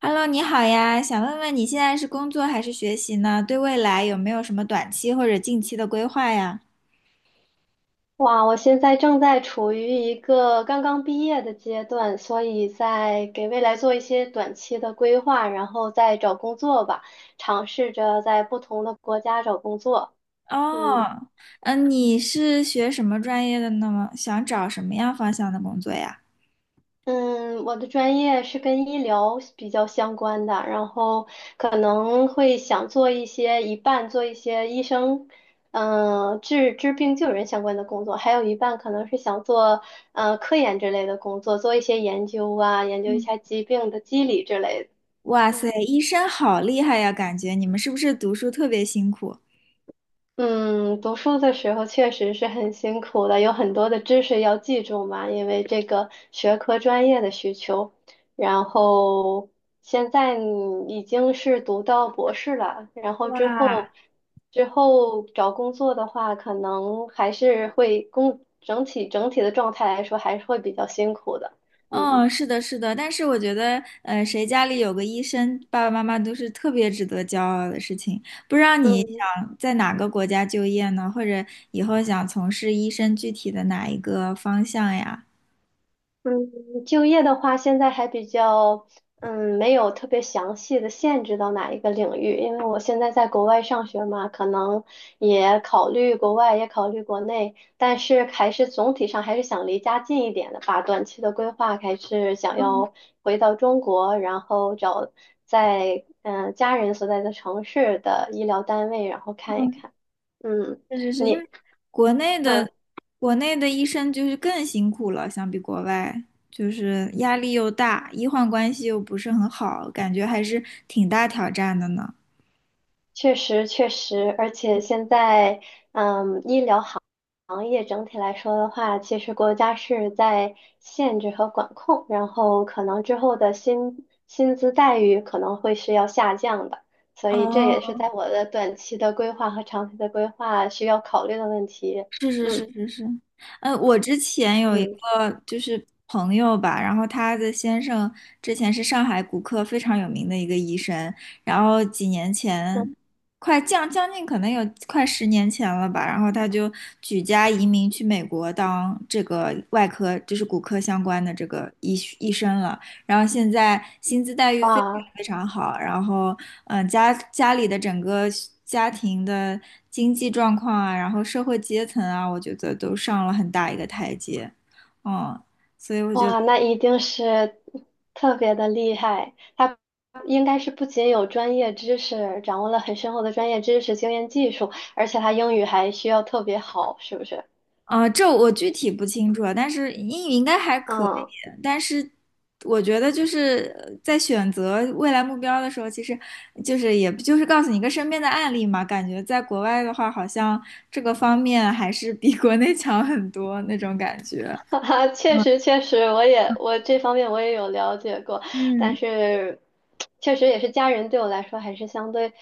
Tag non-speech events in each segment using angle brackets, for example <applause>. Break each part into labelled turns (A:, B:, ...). A: Hello，你好呀，想问问你现在是工作还是学习呢？对未来有没有什么短期或者近期的规划呀？
B: 哇，我现在正在处于一个刚刚毕业的阶段，所以在给未来做一些短期的规划，然后再找工作吧，尝试着在不同的国家找工作。嗯。
A: 哦，嗯，你是学什么专业的呢？想找什么样方向的工作呀？
B: 嗯，我的专业是跟医疗比较相关的，然后可能会想做一些一半做一些医生，治病救人相关的工作，还有一半可能是想做科研之类的工作，做一些研究啊，研究一
A: 嗯，
B: 下疾病的机理之类
A: 哇
B: 的。
A: 塞，
B: 嗯
A: 医生好厉害呀，感觉你们是不是读书特别辛苦？
B: 嗯，读书的时候确实是很辛苦的，有很多的知识要记住嘛，因为这个学科专业的需求。然后现在你已经是读到博士了，然后之后
A: 哇，
B: 之后找工作的话，可能还是会工整体整体的状态来说还是会比较辛苦的。
A: 嗯，
B: 嗯
A: 是的，是的，但是我觉得，谁家里有个医生，爸爸妈妈都是特别值得骄傲的事情。不知道你
B: 嗯，
A: 想在哪个国家就业呢？或者以后想从事医生具体的哪一个方向呀？
B: 嗯，就业的话，现在还比较，没有特别详细的限制到哪一个领域，因为我现在在国外上学嘛，可能也考虑国外，也考虑国内，但是还是总体上还是想离家近一点的吧。短期的规划还是想
A: 嗯
B: 要回到中国，然后找在家人所在的城市的医疗单位，然后看一
A: 嗯，
B: 看。嗯，
A: 确实是，因为
B: 你。
A: 国内的
B: 嗯
A: 国内的医生就是更辛苦了，相比国外，就是压力又大，医患关系又不是很好，感觉还是挺大挑战的呢。
B: 确实，确实，而且现在，医疗行业整体来说的话，其实国家是在限制和管控，然后可能之后的薪资待遇可能会是要下降的，所
A: 哦，
B: 以这也是在我的短期的规划和长期的规划需要考虑的问题。
A: 是是
B: 嗯
A: 是是是，嗯，我之前有一
B: 嗯
A: 个就是朋友吧，然后他的先生之前是上海骨科非常有名的一个医生，然后几年
B: 嗯，
A: 前，快将近可能有快10年前了吧，然后他就举家移民去美国当这个外科，就是骨科相关的这个医生了。然后现在薪资待遇非常
B: 哇。
A: 非常好，然后嗯，家里的整个家庭的经济状况啊，然后社会阶层啊，我觉得都上了很大一个台阶，嗯，所以我觉得。
B: 哇，那一定是特别的厉害。他应该是不仅有专业知识，掌握了很深厚的专业知识、经验、技术，而且他英语还需要特别好，是不是？
A: 啊，这我具体不清楚啊，但是英语应该还可以。
B: 嗯。
A: 但是我觉得就是在选择未来目标的时候，其实就是就是告诉你一个身边的案例嘛。感觉在国外的话，好像这个方面还是比国内 <laughs> 强很多那种感觉。
B: <laughs> 哈哈，确
A: 嗯
B: 实确实，我这方面我也有了解过，但
A: 嗯
B: 是确实也是家人对我来说还是相对，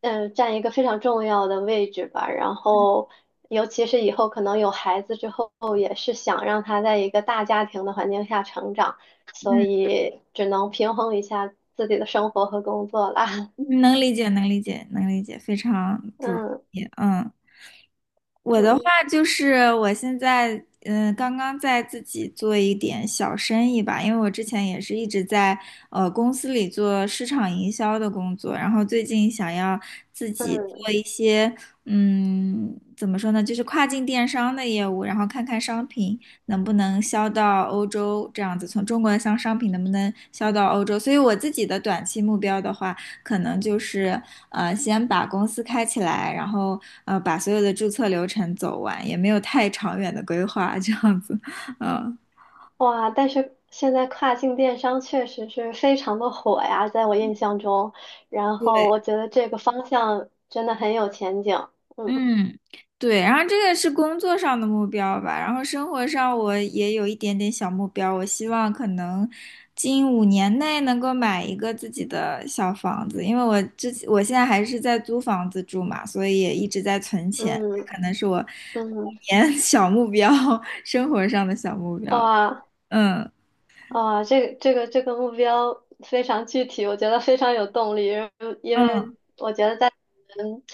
B: 占一个非常重要的位置吧。然后，尤其是以后可能有孩子之后，也是想让他在一个大家庭的环境下成长，所
A: 嗯，
B: 以只能平衡一下自己的生活和工作啦。<laughs>
A: 能理解，能理解，能理解，非常不容
B: 嗯
A: 易。嗯。我的话
B: 嗯。
A: 就是我现在嗯，刚刚在自己做一点小生意吧，因为我之前也是一直在公司里做市场营销的工作，然后最近想要自己做一些嗯，怎么说呢，就是跨境电商的业务，然后看看商品能不能销到欧洲，这样子从中国的商品能不能销到欧洲。所以我自己的短期目标的话。可能就是先把公司开起来，然后把所有的注册流程走完，也没有太长远的规划，这样子，嗯。
B: 哇，但是现在跨境电商确实是非常的火呀，在我印象中，然后
A: 对。
B: 我觉得这个方向真的很有前景。嗯
A: 嗯，对，然后这个是工作上的目标吧，然后生活上我也有一点点小目标，我希望可能近5年内能够买一个自己的小房子，因为我之前我现在还是在租房子住嘛，所以也一直在存钱，可
B: 嗯
A: 能是我五
B: 嗯，
A: 年 <laughs> 小目标，生活上的小目标。
B: 哇
A: 嗯
B: 哇，这个目标非常具体，我觉得非常有动力，因为
A: 嗯
B: 我觉得在我们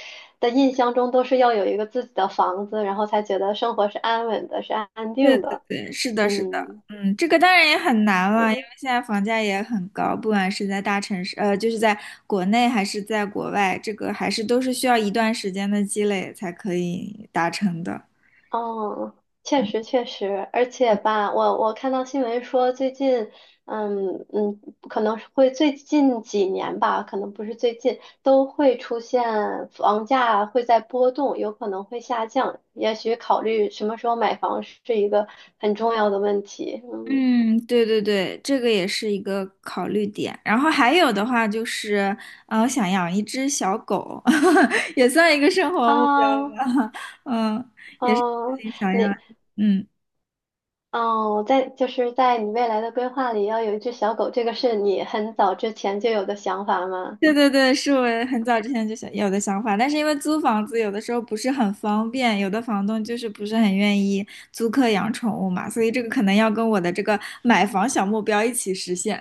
B: 的印象中都是要有一个自己的房子，然后才觉得生活是安稳的，是安
A: 对
B: 定
A: 对
B: 的。
A: 对，是的，是的，
B: 嗯
A: 嗯，这个当然也很难了，因为
B: 嗯
A: 现在房价也很高，不管是在大城市，就是在国内还是在国外，这个还是都是需要一段时间的积累才可以达成的。
B: 哦，确实确实，而且吧，我看到新闻说最近，嗯嗯，可能是会最近几年吧，可能不是最近，都会出现房价会在波动，有可能会下降，也许考虑什么时候买房是一个很重要的问题。嗯
A: 嗯，对对对，这个也是一个考虑点。然后还有的话就是，我想养一只小狗，<laughs> 也算一个生活目标
B: 啊，
A: 吧。<laughs> 嗯，也是自
B: 哦，
A: 己想要。
B: 你
A: 嗯。
B: 哦，就是在你未来的规划里要有一只小狗，这个是你很早之前就有的想法吗？
A: 对对对，是我很早之前就想有的想法，但是因为租房子有的时候不是很方便，有的房东就是不是很愿意租客养宠物嘛，所以这个可能要跟我的这个买房小目标一起实现，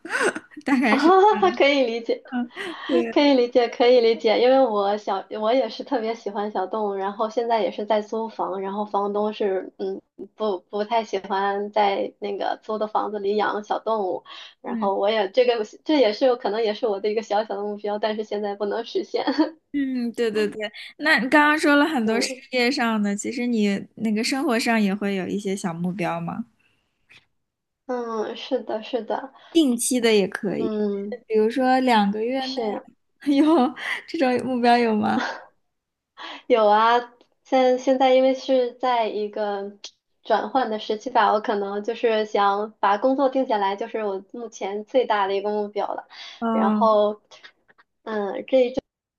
A: <laughs> 大
B: <laughs>
A: 概是
B: 啊，可以理解，
A: <laughs> 对，
B: 可以理解，可以理解，因为我也是特别喜欢小动物，然后现在也是在租房，然后房东是，不太喜欢在那个租的房子里养小动物，然
A: 嗯
B: 后我也这个这也是可能也是我的一个小小的目标，但是现在不能实现，<laughs>
A: 嗯，对对对。那你刚刚说了很多事
B: 嗯
A: 业上的，其实你那个生活上也会有一些小目标吗？
B: 嗯，是的，是的，
A: 定期的也可以，
B: 嗯。
A: 比如说2个月内
B: 是呀。
A: <laughs> 有这种目标有吗？
B: <laughs> 有啊，现在因为是在一个转换的时期吧，我可能就是想把工作定下来，就是我目前最大的一个目标了。然
A: 嗯。
B: 后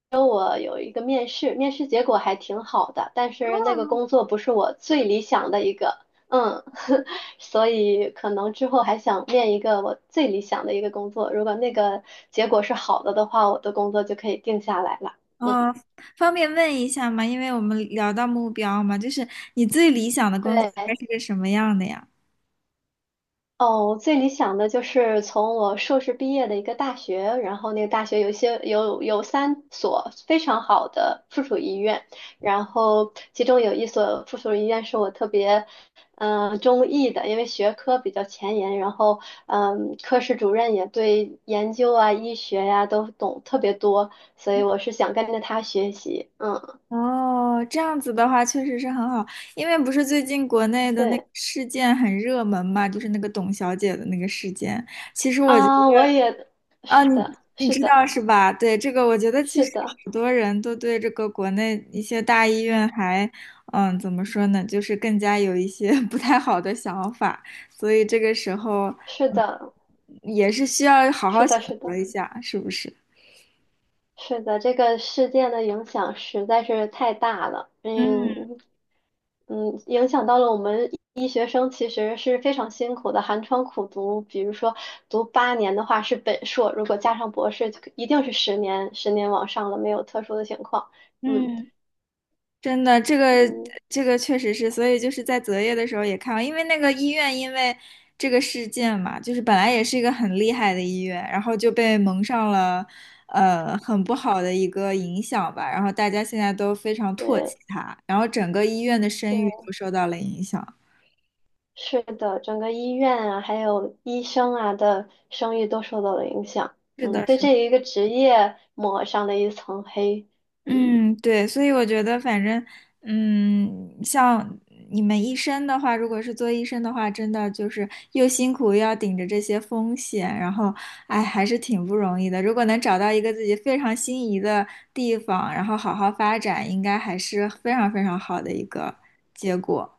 B: 跟我有一个面试，面试结果还挺好的，但是那个工作不是我最理想的一个，嗯，<laughs> 所以可能之后还想面一个我最理想的一个工作，如果那个结果是好的的话，我的工作就可以定下来了。嗯，
A: 哦，方便问一下吗？因为我们聊到目标嘛，就是你最理想的工作大概是
B: 对。
A: 个什么样的呀？
B: 哦，我最理想的就是从我硕士毕业的一个大学，然后那个大学有一些有有三所非常好的附属医院，然后其中有一所附属医院是我特别中意的，因为学科比较前沿，然后科室主任也对研究啊、医学呀、都懂特别多，所以我是想跟着他学习。嗯，
A: 哦，这样子的话确实是很好，因为不是最近国内的那个
B: 对
A: 事件很热门嘛，就是那个董小姐的那个事件。其实我觉得。
B: 啊，我也
A: 啊，
B: 是的，
A: 你
B: 是
A: 知道
B: 的，
A: 是吧？对，这个我觉得其
B: 是
A: 实
B: 的，
A: 好多人都对这个国内一些大医院还，嗯，怎么说呢，就是更加有一些 <laughs> 不太好的想法，所以这个时候
B: 是
A: 嗯
B: 的，
A: 也是需要好好
B: 是
A: 选
B: 的，是
A: 择
B: 的。
A: 一下，是不是？
B: 是的，这个事件的影响实在是太大了，
A: 嗯
B: 嗯嗯，影响到了我们医学生其实是非常辛苦的，寒窗苦读。比如说读8年的话是本硕，如果加上博士，一定是十年，十年往上了，没有特殊的情况。嗯
A: 嗯，真的，
B: 嗯，
A: 这个确实是，所以就是在择业的时候也看到，因为那个医院因为这个事件嘛，就是本来也是一个很厉害的医院，然后就被蒙上了很不好的一个影响吧，然后大家现在都非常唾弃
B: 对
A: 它，然后整个医院的声誉
B: 对，
A: 都受到了影响。
B: 是的，整个医院啊，还有医生啊的声誉都受到了影响。
A: 是
B: 嗯，
A: 的，
B: 对
A: 是的。
B: 这一个职业抹上了一层黑。
A: 嗯，对，所以我觉得，反正，嗯，像你们医生的话，如果是做医生的话，真的就是又辛苦又要顶着这些风险，然后，哎，还是挺不容易的。如果能找到一个自己非常心仪的地方，然后好好发展，应该还是非常非常好的一个结果。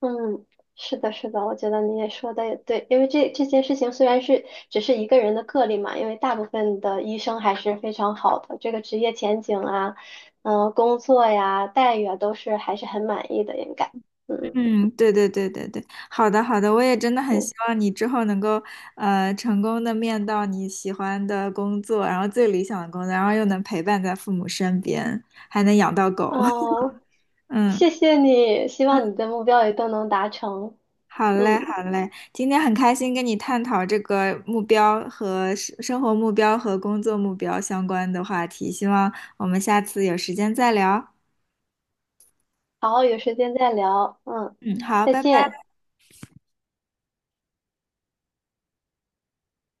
B: 嗯，是的，是的，我觉得你也说的也对，因为这件事情虽然是只是一个人的个例嘛，因为大部分的医生还是非常好的，这个职业前景啊，工作呀，待遇啊，都是还是很满意的，应该，嗯
A: 嗯，对对对对对，好的好的，我也真的很希
B: 嗯，
A: 望你之后能够成功的面到你喜欢的工作，然后最理想的工作，然后又能陪伴在父母身边，还能养到狗。
B: 哦，
A: <laughs> 嗯，
B: 谢谢你，希望你的目标也都能达成，
A: 好嘞
B: 嗯，
A: 好嘞，今天很开心跟你探讨这个目标和生活目标和工作目标相关的话题，希望我们下次有时间再聊。
B: 好，有时间再聊，嗯，
A: 嗯，好，
B: 再
A: 拜拜。
B: 见。